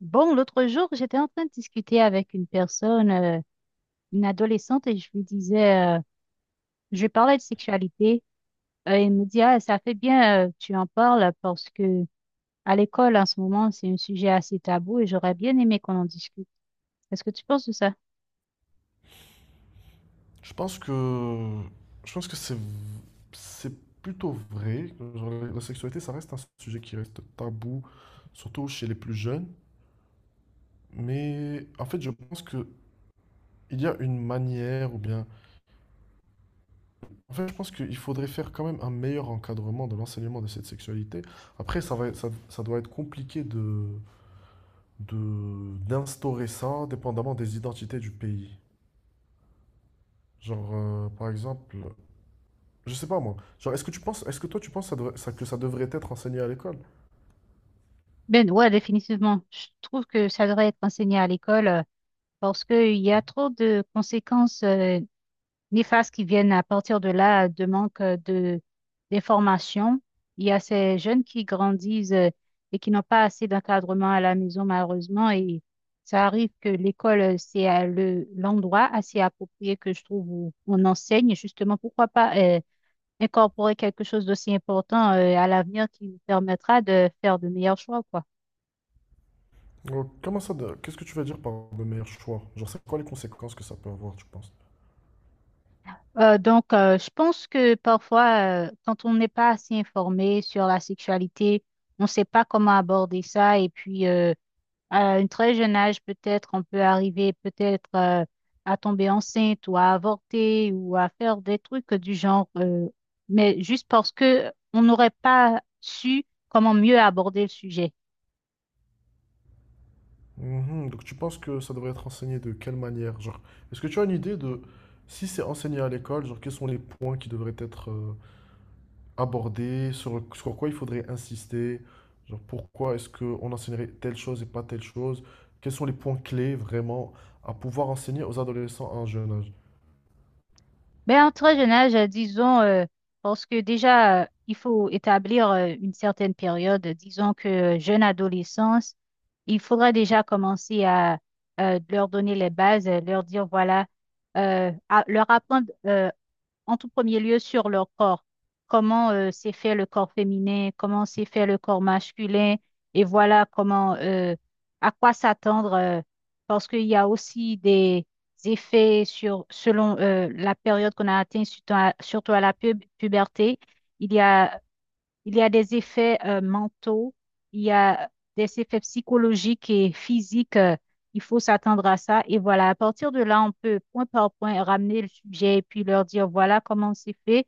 Bon, l'autre jour, j'étais en train de discuter avec une personne, une adolescente, et je lui disais, je lui parlais de sexualité. Et elle me dit, ah, ça fait bien, tu en parles parce que à l'école, en ce moment, c'est un sujet assez tabou et j'aurais bien aimé qu'on en discute. Est-ce que tu penses de ça? Je pense que, je pense que c'est plutôt vrai. Genre, la sexualité, ça reste un sujet qui reste tabou, surtout chez les plus jeunes. Mais en fait, je pense que il y a une manière, ou bien, en fait, je pense qu'il faudrait faire quand même un meilleur encadrement de l'enseignement de cette sexualité. Après, ça va, ça doit être compliqué de, d'instaurer ça, dépendamment des identités du pays. Genre, par exemple, je sais pas moi. Genre, est-ce que toi, tu penses que ça devrait être enseigné à l'école? Ben, ouais, définitivement. Je trouve que ça devrait être enseigné à l'école, parce qu'il y a trop de conséquences, ni phases qui viennent à partir de là de manque de d'information. Il y a ces jeunes qui grandissent, et qui n'ont pas assez d'encadrement à la maison, malheureusement, et ça arrive que l'école, c'est à le, l'endroit assez approprié que je trouve où on enseigne. Justement, pourquoi pas, incorporer quelque chose d'aussi important, à l'avenir qui nous permettra de faire de meilleurs choix, quoi. Oh, comment ça, qu'est-ce que tu veux dire par de meilleurs choix? Genre, c'est quoi les conséquences que ça peut avoir, tu penses? Donc, je pense que parfois, quand on n'est pas assez informé sur la sexualité, on ne sait pas comment aborder ça. Et puis, à un très jeune âge, peut-être, on peut arriver peut-être, à tomber enceinte ou à avorter ou à faire des trucs du genre, mais juste parce que on n'aurait pas su comment mieux aborder le sujet. Mhm, donc, tu penses que ça devrait être enseigné de quelle manière? Genre, est-ce que tu as une idée de si c'est enseigné à l'école, genre, quels sont les points qui devraient être abordés, sur quoi il faudrait insister? Genre, pourquoi est-ce qu'on enseignerait telle chose et pas telle chose? Quels sont les points clés vraiment à pouvoir enseigner aux adolescents à un jeune âge? Ben, en très jeune âge, disons, parce que déjà, il faut établir une certaine période, disons que jeune adolescence, il faudra déjà commencer à leur donner les bases, leur dire, voilà, à- leur apprendre en tout premier lieu sur leur corps. Comment s'est fait le corps féminin, comment s'est fait le corps masculin, et voilà comment, à quoi s'attendre, parce qu'il y a aussi des effets sur, selon la période qu'on a atteint, surtout à, surtout à la pub- puberté. Il y a il y a des effets mentaux, il y a des effets psychologiques et physiques. Il faut s'attendre à ça. Et voilà, à partir de là, on peut point par point ramener le sujet et puis leur dire, voilà comment c'est fait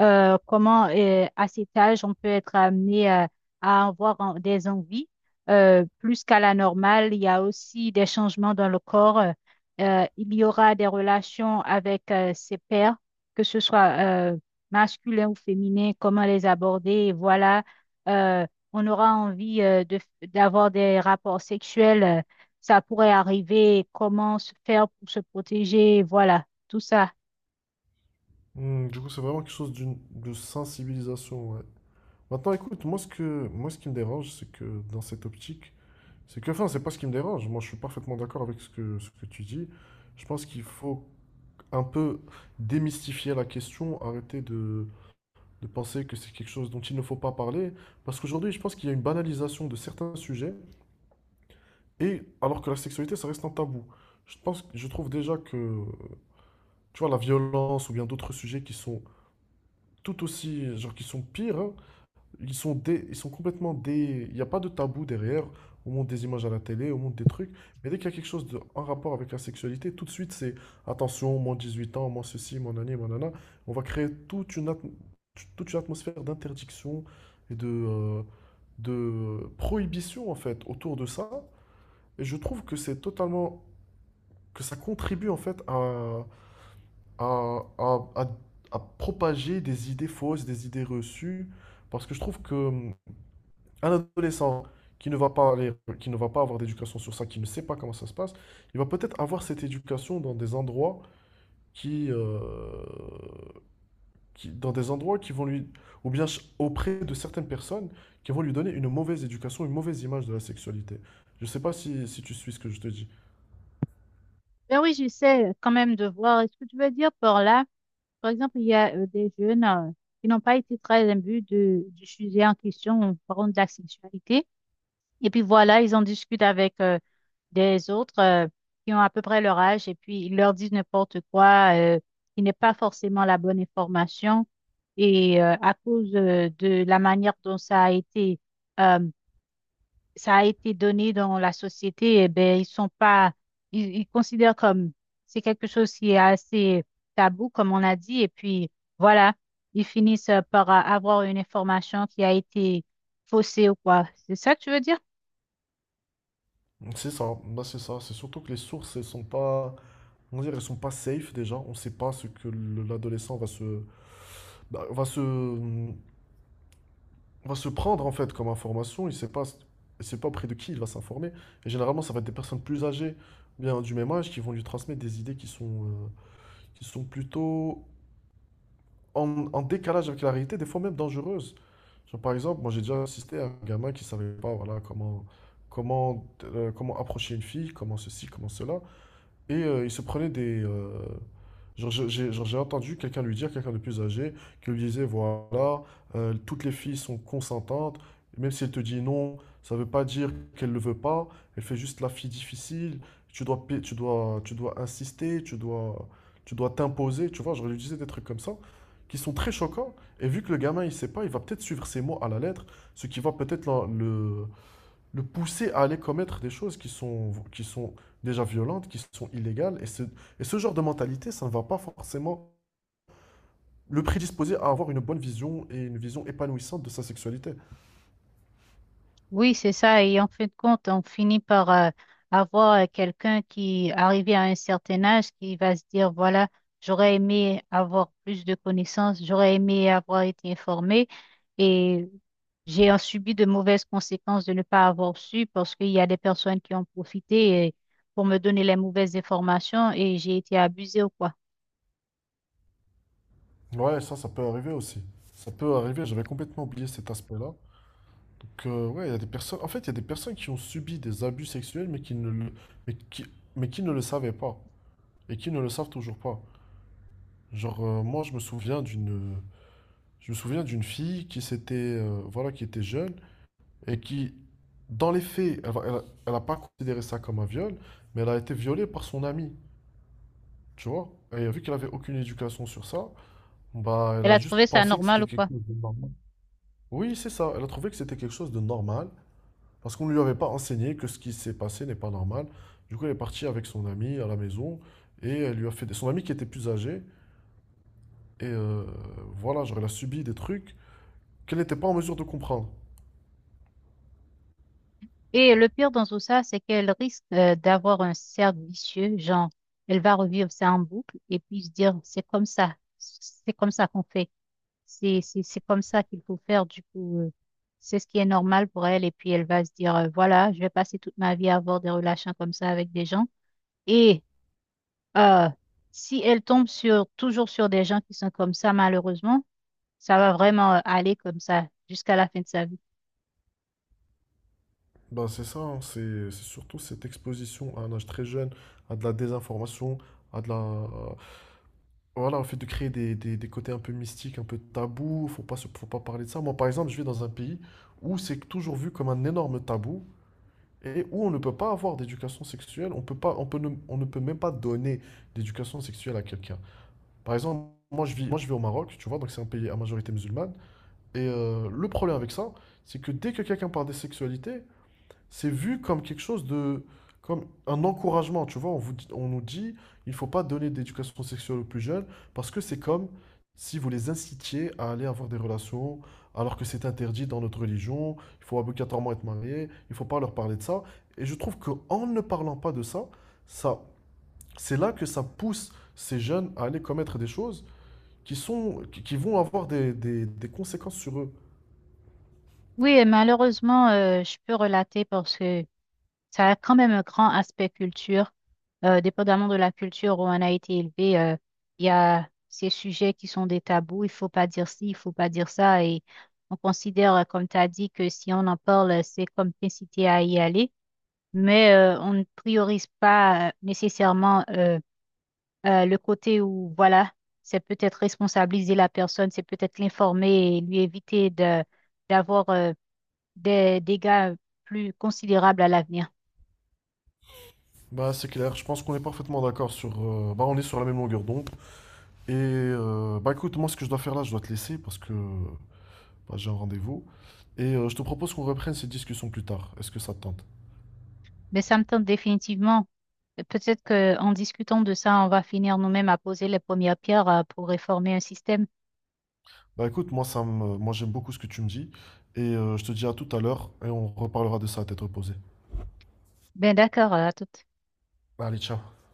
, comment à cet âge on peut être amené à avoir en- des envies plus qu'à la normale. Il y a aussi des changements dans le corps. Il y aura des relations avec ses pairs, que ce soit masculin ou féminin, comment les aborder. Et voilà, Euh, on aura envie d'avoir des rapports sexuels. Ça pourrait arriver, comment se faire pour se protéger. Voilà, tout ça. Hmm, du coup, c'est vraiment quelque chose de sensibilisation, ouais. Maintenant, écoute, moi ce qui me dérange, c'est que dans cette optique, c'est que enfin, c'est pas ce qui me dérange. Moi, je suis parfaitement d'accord avec ce que tu dis. Je pense qu'il faut un peu démystifier la question, arrêter de, penser que c'est quelque chose dont il ne faut pas parler, parce qu'aujourd'hui, je pense qu'il y a une banalisation de certains sujets, et alors que la sexualité, ça reste un tabou. Je trouve déjà que tu vois la violence ou bien d'autres sujets qui sont tout aussi, genre qui sont pires, hein. Ils sont complètement dé. Il n'y a pas de tabou derrière. On monte des images à la télé, on monte des trucs. Mais dès qu'il y a quelque chose de en rapport avec la sexualité, tout de suite, c'est attention, moins 18 ans, moins ceci, moins nani, moins nana. On va créer toute une atmosphère d'interdiction et de prohibition, en fait, autour de ça. Et je trouve que c'est totalement. Que ça contribue, en fait, à, à, à à propager des idées fausses, des idées reçues. Parce que je trouve que un adolescent qui ne va pas aller, qui ne va pas avoir d'éducation sur ça, qui ne sait pas comment ça se passe, il va peut-être avoir cette éducation qui, euh, dans des endroits qui vont lui, ou bien auprès de certaines personnes qui vont lui donner une mauvaise éducation, une mauvaise image de la sexualité. Je sais pas si tu suis ce que je te dis. Ben oui, j'essaie quand même de voir. Est-ce que tu veux dire par là, par exemple, il y a des jeunes qui n'ont pas été très imbus de, du sujet en question, par exemple de la sexualité. Et puis voilà, ils en discutent avec des autres qui ont à peu près leur âge et puis ils leur disent n'importe quoi qui n'est pas forcément la bonne information. Et à cause de la manière dont euh, ça a été donné dans la société, eh ben, ils sont pas, ils considèrent comme c'est quelque chose qui est assez tabou, comme on a dit, et puis voilà, ils finissent par avoir une information qui a été faussée ou quoi. C'est ça que tu veux dire? C'est ça, bah c'est ça. C'est surtout que les sources, elles sont pas, on dirait, elles sont pas safe déjà. On sait pas ce que l'adolescent va se, bah, va se prendre en fait comme information, il sait pas auprès de qui il va s'informer. Et généralement, ça va être des personnes plus âgées, bien du même âge, qui vont lui transmettre des idées qui sont plutôt en décalage avec la réalité, des fois même dangereuses. Genre, par exemple, moi j'ai déjà assisté à un gamin qui ne savait pas voilà, comment approcher une fille, comment ceci, comment cela. Et il se prenait des. Genre, j'ai entendu quelqu'un lui dire, quelqu'un de plus âgé, qui lui disait, voilà, toutes les filles sont consentantes, même si elle te dit non, ça veut pas dire qu'elle le veut pas, elle fait juste la fille difficile, tu dois insister, tu dois t'imposer, tu vois, genre, il lui disait des trucs comme ça, qui sont très choquants, et vu que le gamin, il sait pas, il va peut-être suivre ses mots à la lettre, ce qui va peut-être le pousser à aller commettre des choses qui sont déjà violentes, qui sont illégales. Et ce genre de mentalité, ça ne va pas forcément le prédisposer à avoir une bonne vision et une vision épanouissante de sa sexualité. Oui, c'est ça. Et en fin de compte, on finit par avoir quelqu'un qui, arrivé à un certain âge, qui va se dire, voilà, j'aurais aimé avoir plus de connaissances, j'aurais aimé avoir été informé et j'ai en subi de mauvaises conséquences de ne pas avoir su parce qu'il y a des personnes qui ont profité pour me donner les mauvaises informations et j'ai été abusée ou quoi. Ouais, ça peut arriver aussi. Ça peut arriver, j'avais complètement oublié cet aspect-là. Donc, ouais, il y a des personnes qui ont subi des abus sexuels, mais qui, mais qui ne le savaient pas, et qui ne le savent toujours pas. Genre, moi, je me souviens d'une fille voilà, qui était jeune, et qui, dans les faits, a- pas considéré ça comme un viol, mais elle a été violée par son ami, tu vois. Et vu qu'elle avait aucune éducation sur ça, bah, elle Elle a a juste trouvé ça pensé que normal c'était ou quelque quoi? chose de normal. Oui, c'est ça. Elle a trouvé que c'était quelque chose de normal parce qu'on ne lui avait pas enseigné que ce qui s'est passé n'est pas normal. Du coup, elle est partie avec son ami à la maison et elle lui a fait des. Son ami qui était plus âgé et voilà, genre elle a subi des trucs qu'elle n'était pas en mesure de comprendre. Et le pire dans tout ça, c'est qu'elle risque d'avoir un cercle vicieux, genre, elle va revivre ça en boucle et puis se dire, c'est comme ça qu'on fait, c'est comme ça qu'il faut faire, du coup, c'est ce qui est normal pour elle et puis elle va se dire, voilà, je vais passer toute ma vie à avoir des relations comme ça avec des gens. Et euh, si elle tombe sur, toujours sur des gens qui sont comme ça, malheureusement, ça va vraiment aller comme ça jusqu'à la fin de sa vie. Ben, c'est ça, hein, c'est surtout cette exposition à un âge très jeune, à de la désinformation, à de la voilà, au fait de créer des côtés un peu mystiques, un peu tabous, faut pas parler de ça. Moi, par exemple, je vis dans un pays où c'est toujours vu comme un énorme tabou et où on ne peut pas avoir d'éducation sexuelle, on ne peut même pas donner d'éducation sexuelle à quelqu'un. Par exemple, moi, je vis au Maroc, tu vois, donc c'est un pays à majorité musulmane, et le problème avec ça, c'est que dès que quelqu'un parle de sexualité, c'est vu comme comme un encouragement, tu vois. On nous dit, il faut pas donner d'éducation sexuelle aux plus jeunes parce que c'est comme si vous les incitiez à aller avoir des relations alors que c'est interdit dans notre religion. Il faut obligatoirement être marié. Il faut pas leur parler de ça. Et je trouve que en ne parlant pas de ça, ça, c'est là que ça pousse ces jeunes à aller commettre des choses qui vont avoir des conséquences sur eux. Oui, et malheureusement, je peux relater parce que... Ça a quand même un grand aspect culture. Dépendamment de la culture où on a été élevé, il y a ces sujets qui sont des tabous. Il faut pas dire ci, il faut pas dire ça. Et on considère, comme tu as dit, que si on en parle, c'est comme t'inciter à y aller. Mais on ne priorise pas nécessairement le côté où, voilà, c'est peut-être responsabiliser la personne, c'est peut-être l'informer et lui éviter d'avoir des dégâts plus considérables à l'avenir. Bah, c'est clair. Je pense qu'on est parfaitement d'accord sur. Bah, on est sur la même longueur d'onde. Et bah, écoute, moi ce que je dois faire là, je dois te laisser parce que bah, j'ai un rendez-vous. Et je te propose qu'on reprenne ces discussions plus tard. Est-ce que ça te tente? Mais ça me tente définitivement. Et peut-être qu'en discutant de ça, on va finir nous-mêmes à poser les premières pierres pour réformer un système. Bah écoute, moi j'aime beaucoup ce que tu me dis. Et je te dis à tout à l'heure et on reparlera de ça à tête reposée. Ben d'accord, à toute. Bah, allez, ciao.